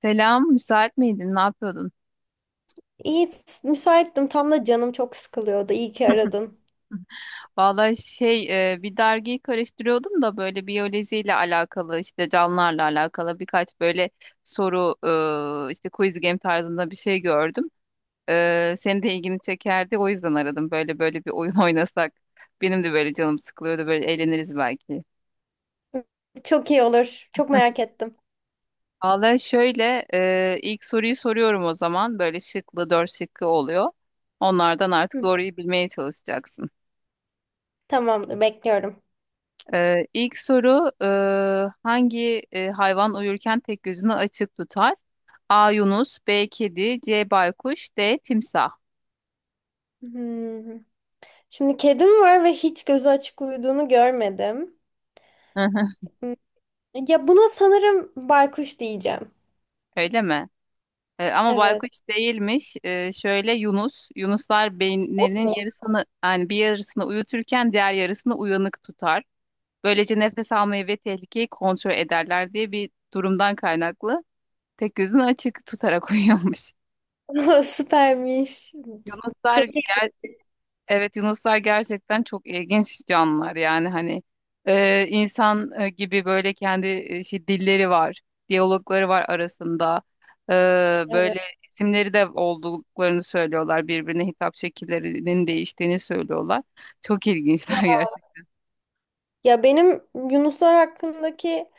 Selam, müsait miydin? Ne yapıyordun? İyi, müsaittim. Tam da canım çok sıkılıyordu. İyi ki aradın. Vallahi şey, bir dergiyi karıştırıyordum da böyle biyolojiyle alakalı, işte canlılarla alakalı birkaç böyle soru, işte quiz game tarzında bir şey gördüm. Senin de ilgini çekerdi, o yüzden aradım. Böyle bir oyun oynasak, benim de böyle canım sıkılıyordu, böyle eğleniriz belki. Çok iyi olur. Çok merak ettim. Vallahi şöyle, ilk soruyu soruyorum o zaman. Böyle şıklı, dört şıkkı oluyor. Onlardan artık Hı, doğruyu bilmeye çalışacaksın. tamamdır, bekliyorum. İlk soru hangi hayvan uyurken tek gözünü açık tutar? A. Yunus, B. Kedi, C. Baykuş, D. Timsah. Hmm. Şimdi kedim var ve hiç gözü açık uyuduğunu görmedim. Hı hı. Hmm, ya buna sanırım baykuş diyeceğim. Öyle mi? Ama Evet. baykuş değilmiş. Şöyle Yunus, Yunuslar beyinlerinin yarısını, yani bir yarısını uyuturken diğer yarısını uyanık tutar. Böylece nefes almayı ve tehlikeyi kontrol ederler diye bir durumdan kaynaklı tek gözünü açık tutarak uyuyormuş. Süpermiş. Yunuslar, Çok iyi. evet yunuslar gerçekten çok ilginç canlılar yani hani insan gibi böyle kendi dilleri var, diyalogları var arasında. E, Evet. Böyle isimleri de olduklarını söylüyorlar. Birbirine hitap şekillerinin değiştiğini söylüyorlar. Çok ilginçler gerçekten. Ya benim Yunuslar hakkındaki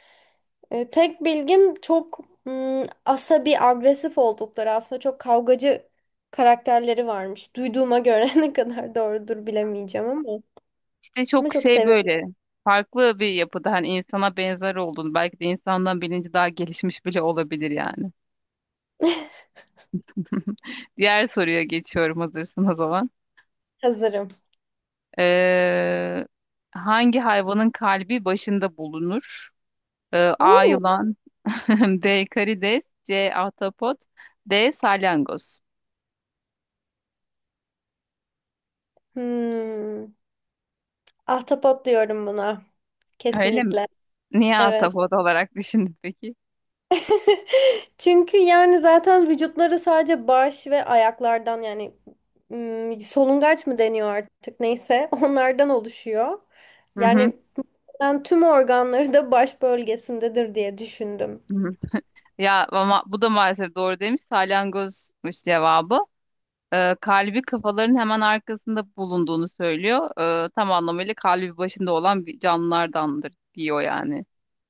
Tek bilgim çok asabi, agresif oldukları, aslında çok kavgacı karakterleri varmış. Duyduğuma göre ne kadar doğrudur bilemeyeceğim ama. İşte Ama çok çok şey severim. böyle farklı bir yapıda, hani insana benzer olduğunu, belki de insandan bilinci daha gelişmiş bile olabilir yani. Diğer soruya geçiyorum hazırsanız o zaman. Hazırım. Ee, Hangi hayvanın kalbi başında bulunur? A. Uuu. Yılan B. Karides, C. Ahtapot, D. Salyangoz. Hmm. Ahtapot diyorum buna. Öyle mi? Kesinlikle. Niye Evet. ahtapot olarak düşündün peki? Çünkü yani zaten vücutları sadece baş ve ayaklardan, yani solungaç mı deniyor artık, neyse onlardan oluşuyor. Hı hı. Yani ben tüm organları da baş bölgesindedir diye düşündüm. Hı hı. Ya ama bu da maalesef doğru demiş. Salyangozmuş cevabı. Kalbi kafaların hemen arkasında bulunduğunu söylüyor. Tam anlamıyla kalbi başında olan bir canlılardandır diyor yani.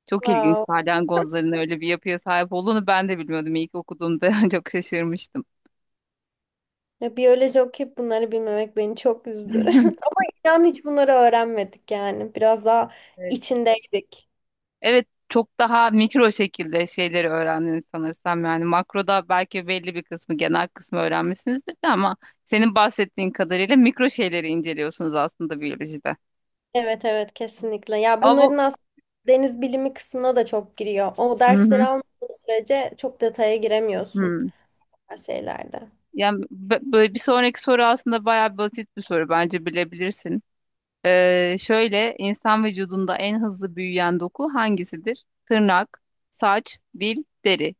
Çok ilginç, Wow. salyangozların öyle bir yapıya sahip olduğunu ben de bilmiyordum. İlk okuduğumda çok şaşırmıştım. Ya biyoloji okuyup bunları bilmemek beni çok üzdü. Ama inan hiç bunları öğrenmedik yani. Biraz daha Evet. içindeydik. Evet, çok daha mikro şekilde şeyleri öğrendiniz sanırsam. Yani makroda belki belli bir kısmı, genel kısmı öğrenmişsinizdir de, ama senin bahsettiğin kadarıyla mikro şeyleri inceliyorsunuz aslında biyolojide. Evet, evet, kesinlikle. Ya Ama bu. bunların aslında deniz bilimi kısmına da çok giriyor. O Hı dersleri hı. almadığın sürece çok detaya giremiyorsun Hı. her şeylerde. Yani böyle bir sonraki soru aslında bayağı basit bir soru, bence bilebilirsin. Şöyle insan vücudunda en hızlı büyüyen doku hangisidir? Tırnak, saç, dil, deri.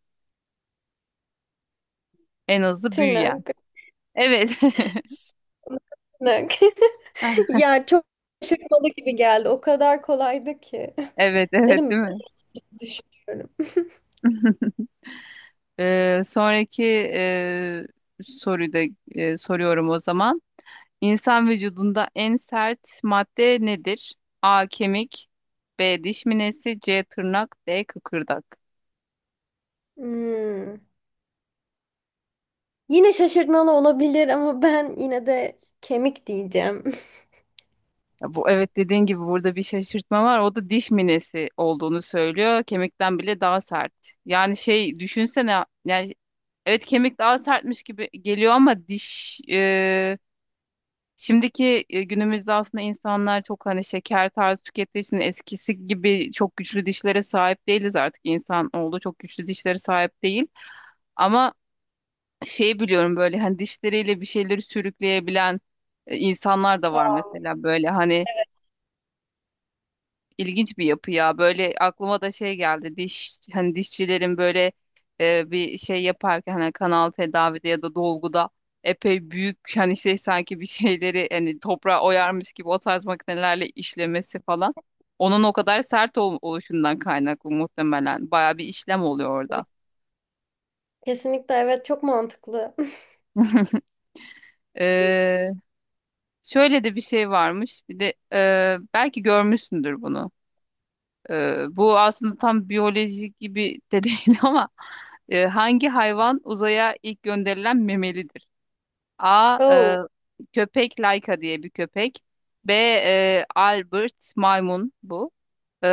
En hızlı büyüyen. Tırnak, Evet. tırnak. Ya çok şaşırtmalı gibi geldi. O kadar kolaydı ki. Evet, evet, Derim değil mi? düşünüyorum. Sonraki e, soruyu da soruyorum o zaman. İnsan vücudunda en sert madde nedir? A. Kemik, B. Diş minesi, C. Tırnak, D. Kıkırdak. Hmm. Yine şaşırtmalı olabilir ama ben yine de kemik diyeceğim. Ya bu, evet dediğin gibi burada bir şaşırtma var. O da diş minesi olduğunu söylüyor. Kemikten bile daha sert. Yani şey düşünsene yani, evet kemik daha sertmiş gibi geliyor ama diş, günümüzde aslında insanlar çok hani şeker tarzı tükettiği için eskisi gibi çok güçlü dişlere sahip değiliz, artık insan oldu çok güçlü dişlere sahip değil. Ama şey biliyorum, böyle hani dişleriyle bir şeyleri sürükleyebilen insanlar da var Aa. mesela, böyle hani. İlginç bir yapı ya. Böyle aklıma da şey geldi. Diş, hani dişçilerin böyle bir şey yaparken hani kanal tedavide ya da dolguda epey büyük, hani şey sanki bir şeyleri hani toprağa oyarmış gibi o tarz makinelerle işlemesi falan. Onun o kadar sert oluşundan kaynaklı muhtemelen. Baya bir işlem oluyor orada. Kesinlikle evet, çok mantıklı. Ee, Şöyle de bir şey varmış. Bir de belki görmüşsündür bunu. Bu aslında tam biyolojik gibi de değil ama hangi hayvan uzaya ilk gönderilen memelidir? A. Oh. köpek Laika, diye bir köpek. B. Albert maymun, bu.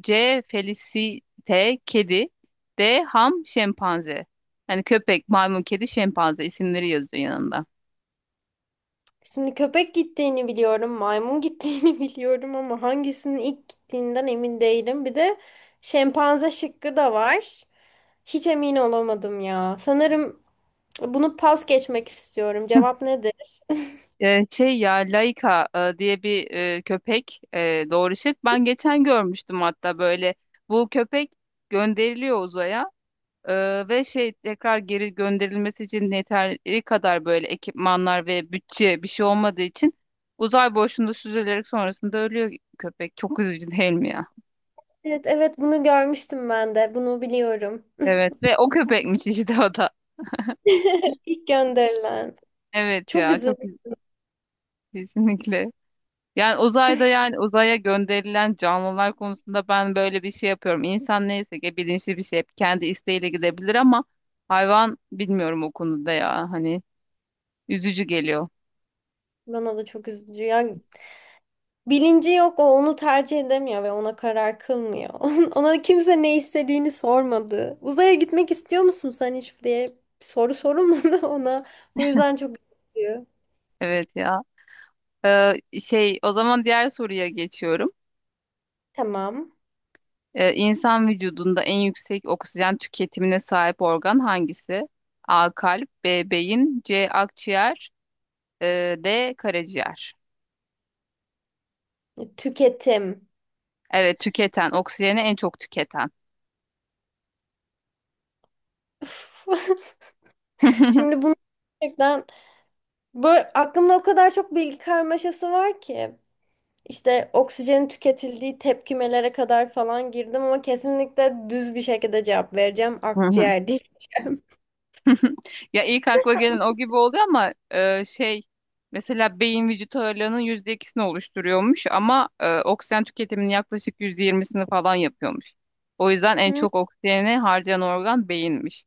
C. Felicite kedi. D. Ham şempanze. Yani köpek, maymun, kedi, şempanze isimleri yazıyor yanında. Şimdi köpek gittiğini biliyorum, maymun gittiğini biliyorum ama hangisinin ilk gittiğinden emin değilim. Bir de şempanze şıkkı da var. Hiç emin olamadım ya. Sanırım bunu pas geçmek istiyorum. Hı. Cevap nedir? Şey ya, Laika diye bir köpek, doğrışık. Ben geçen görmüştüm hatta böyle. Bu köpek gönderiliyor uzaya. Ve şey tekrar geri gönderilmesi için yeteri kadar böyle ekipmanlar ve bütçe bir şey olmadığı için uzay boşluğunda süzülerek sonrasında ölüyor köpek. Çok üzücü değil mi ya? Evet, evet, bunu görmüştüm ben de. Bunu biliyorum. Evet ve o köpekmiş işte o da. İlk gönderilen. Evet Çok ya üzüldüm. çok kesinlikle. Yani uzayda, yani uzaya gönderilen canlılar konusunda ben böyle bir şey yapıyorum. İnsan neyse ki bilinçli bir şey, hep kendi isteğiyle gidebilir ama hayvan bilmiyorum o konuda ya, hani üzücü geliyor. Bana da çok üzücü ya. Bilinci yok, o onu tercih edemiyor ve ona karar kılmıyor. Ona kimse ne istediğini sormadı. Uzaya gitmek istiyor musun sen hiç diye bir soru sorulmadı ona. O yüzden çok üzülüyor. Evet ya. Ee, Şey o zaman diğer soruya geçiyorum. Tamam. İnsan vücudunda en yüksek oksijen tüketimine sahip organ hangisi? A. Kalp, B. Beyin, C. Akciğer, D. Karaciğer. Tüketim. Evet, tüketen, oksijeni en çok tüketen. Üf. Şimdi bunu gerçekten böyle aklımda o kadar çok bilgi karmaşası var ki. İşte oksijenin tüketildiği tepkimelere kadar falan girdim ama kesinlikle düz bir şekilde cevap vereceğim. Akciğer değil. Ya ilk akla gelen o gibi oluyor ama mesela beyin vücut ağırlığının yüzde ikisini oluşturuyormuş ama oksijen tüketiminin yaklaşık yüzde yirmisini falan yapıyormuş. O yüzden en Hı? çok oksijeni harcayan organ beyinmiş.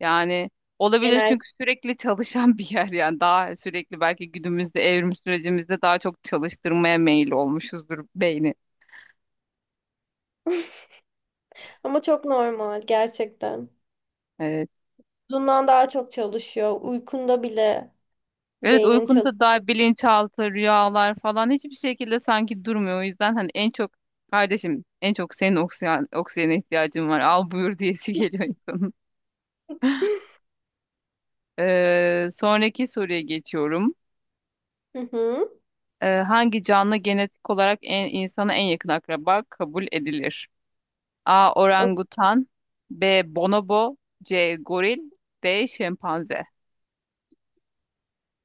Yani olabilir, Genel. çünkü sürekli çalışan bir yer yani, daha sürekli belki günümüzde evrim sürecimizde daha çok çalıştırmaya meyil olmuşuzdur beyni. Ama çok normal gerçekten. E, Bundan daha çok çalışıyor. Uykunda bile Evet beynin çalışıyor. uykunda dair bilinçaltı, rüyalar falan hiçbir şekilde sanki durmuyor. O yüzden hani en çok kardeşim en çok senin oksijen, oksijene ihtiyacın var. Al buyur, diyesi geliyor insanın. Sonraki soruya geçiyorum. Hı hı. Hangi canlı genetik olarak en, insana en yakın akraba kabul edilir? A. O- Orangutan, B. Bonobo, C. Goril, D. Şempanze.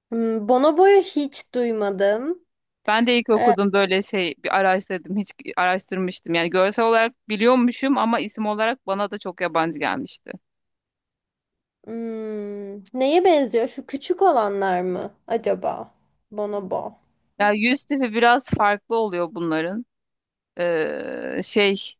Hmm, Bonobo'yu hiç duymadım. Ben de ilk E, okudum, böyle şey bir araştırdım, hiç araştırmıştım. Yani görsel olarak biliyormuşum ama isim olarak bana da çok yabancı gelmişti. hmm, neye benziyor? Şu küçük olanlar mı acaba? Bonobo. Ya yüz tipi biraz farklı oluyor bunların. Ee, şey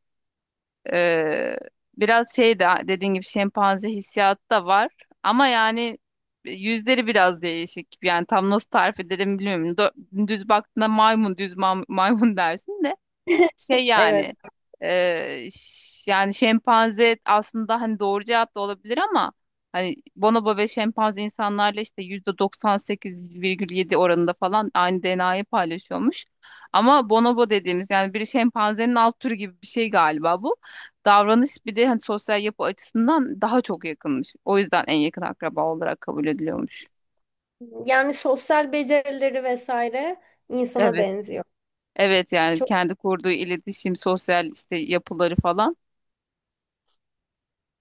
e, biraz şey de dediğin gibi şempanze hissiyatı da var. Ama yani yüzleri biraz değişik. Yani tam nasıl tarif ederim bilmiyorum. Düz baktığında maymun, maymun dersin de. Şey Evet. yani yani şempanze aslında hani doğru cevap da olabilir ama hani bonobo ve şempanze insanlarla işte %98,7 oranında falan aynı DNA'yı paylaşıyormuş. Ama bonobo dediğimiz yani bir şempanzenin alt türü gibi bir şey galiba bu. Davranış bir de hani sosyal yapı açısından daha çok yakınmış. O yüzden en yakın akraba olarak kabul ediliyormuş. Yani sosyal becerileri vesaire insana Evet. benziyor. Evet yani Çok kendi kurduğu iletişim, sosyal işte yapıları falan.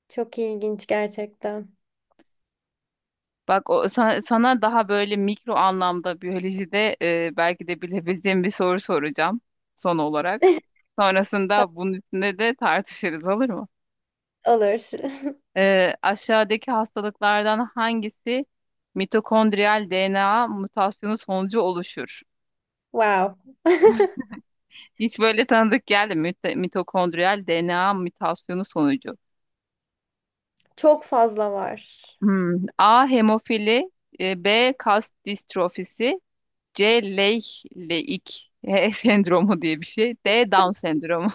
çok ilginç gerçekten. Bak o, sana daha böyle mikro anlamda biyolojide belki de bilebileceğim bir soru soracağım son olarak. Sonrasında bunun üstünde de tartışırız, olur mu? Olur. Aşağıdaki hastalıklardan hangisi mitokondriyal DNA mutasyonu sonucu oluşur? Wow. Hiç böyle tanıdık geldi mi? Mitokondriyal DNA mutasyonu sonucu. Çok fazla var. Hmm. A. Hemofili, B. Kas distrofisi, C. Leig sendromu diye bir şey. D. Down sendromu.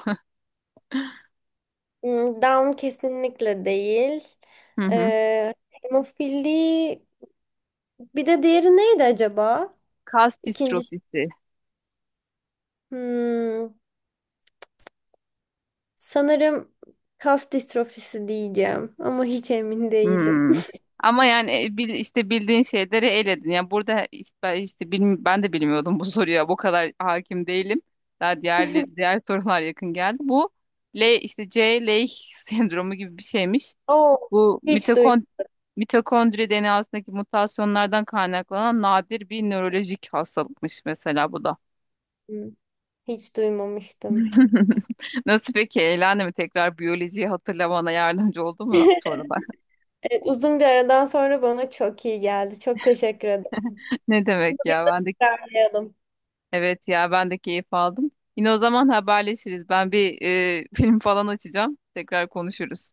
Hmm, Down kesinlikle değil. Hı hı. Hemofili, bir de diğeri neydi acaba? Kas İkinci ş- distrofisi. hmm, sanırım kas distrofisi diyeceğim ama hiç emin değilim. Hmm. Ama yani işte bildiğin şeyleri eledin. Yani burada işte, ben işte ben de bilmiyordum bu soruya. Bu kadar hakim değilim. Daha diğer diğer sorular yakın geldi. Bu L işte C Leigh sendromu gibi bir şeymiş. Oo, Bu hiç mitokondri DNA'sındaki mutasyonlardan kaynaklanan nadir bir nörolojik hastalıkmış mesela bu da. duymadım. Hiç duymamıştım. Nasıl peki? Eğlendi mi? Tekrar biyolojiyi hatırlamana yardımcı oldu mu sorular? Evet, uzun bir aradan sonra bana çok iyi geldi. Çok teşekkür ederim. Ne demek Bunu bir ya? ara Ben de, tekrarlayalım. evet ya ben de keyif aldım. Yine o zaman haberleşiriz. Ben bir film falan açacağım. Tekrar konuşuruz.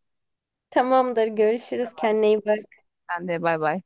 Tamamdır, görüşürüz. Kendine iyi bak. Sen de bay bay.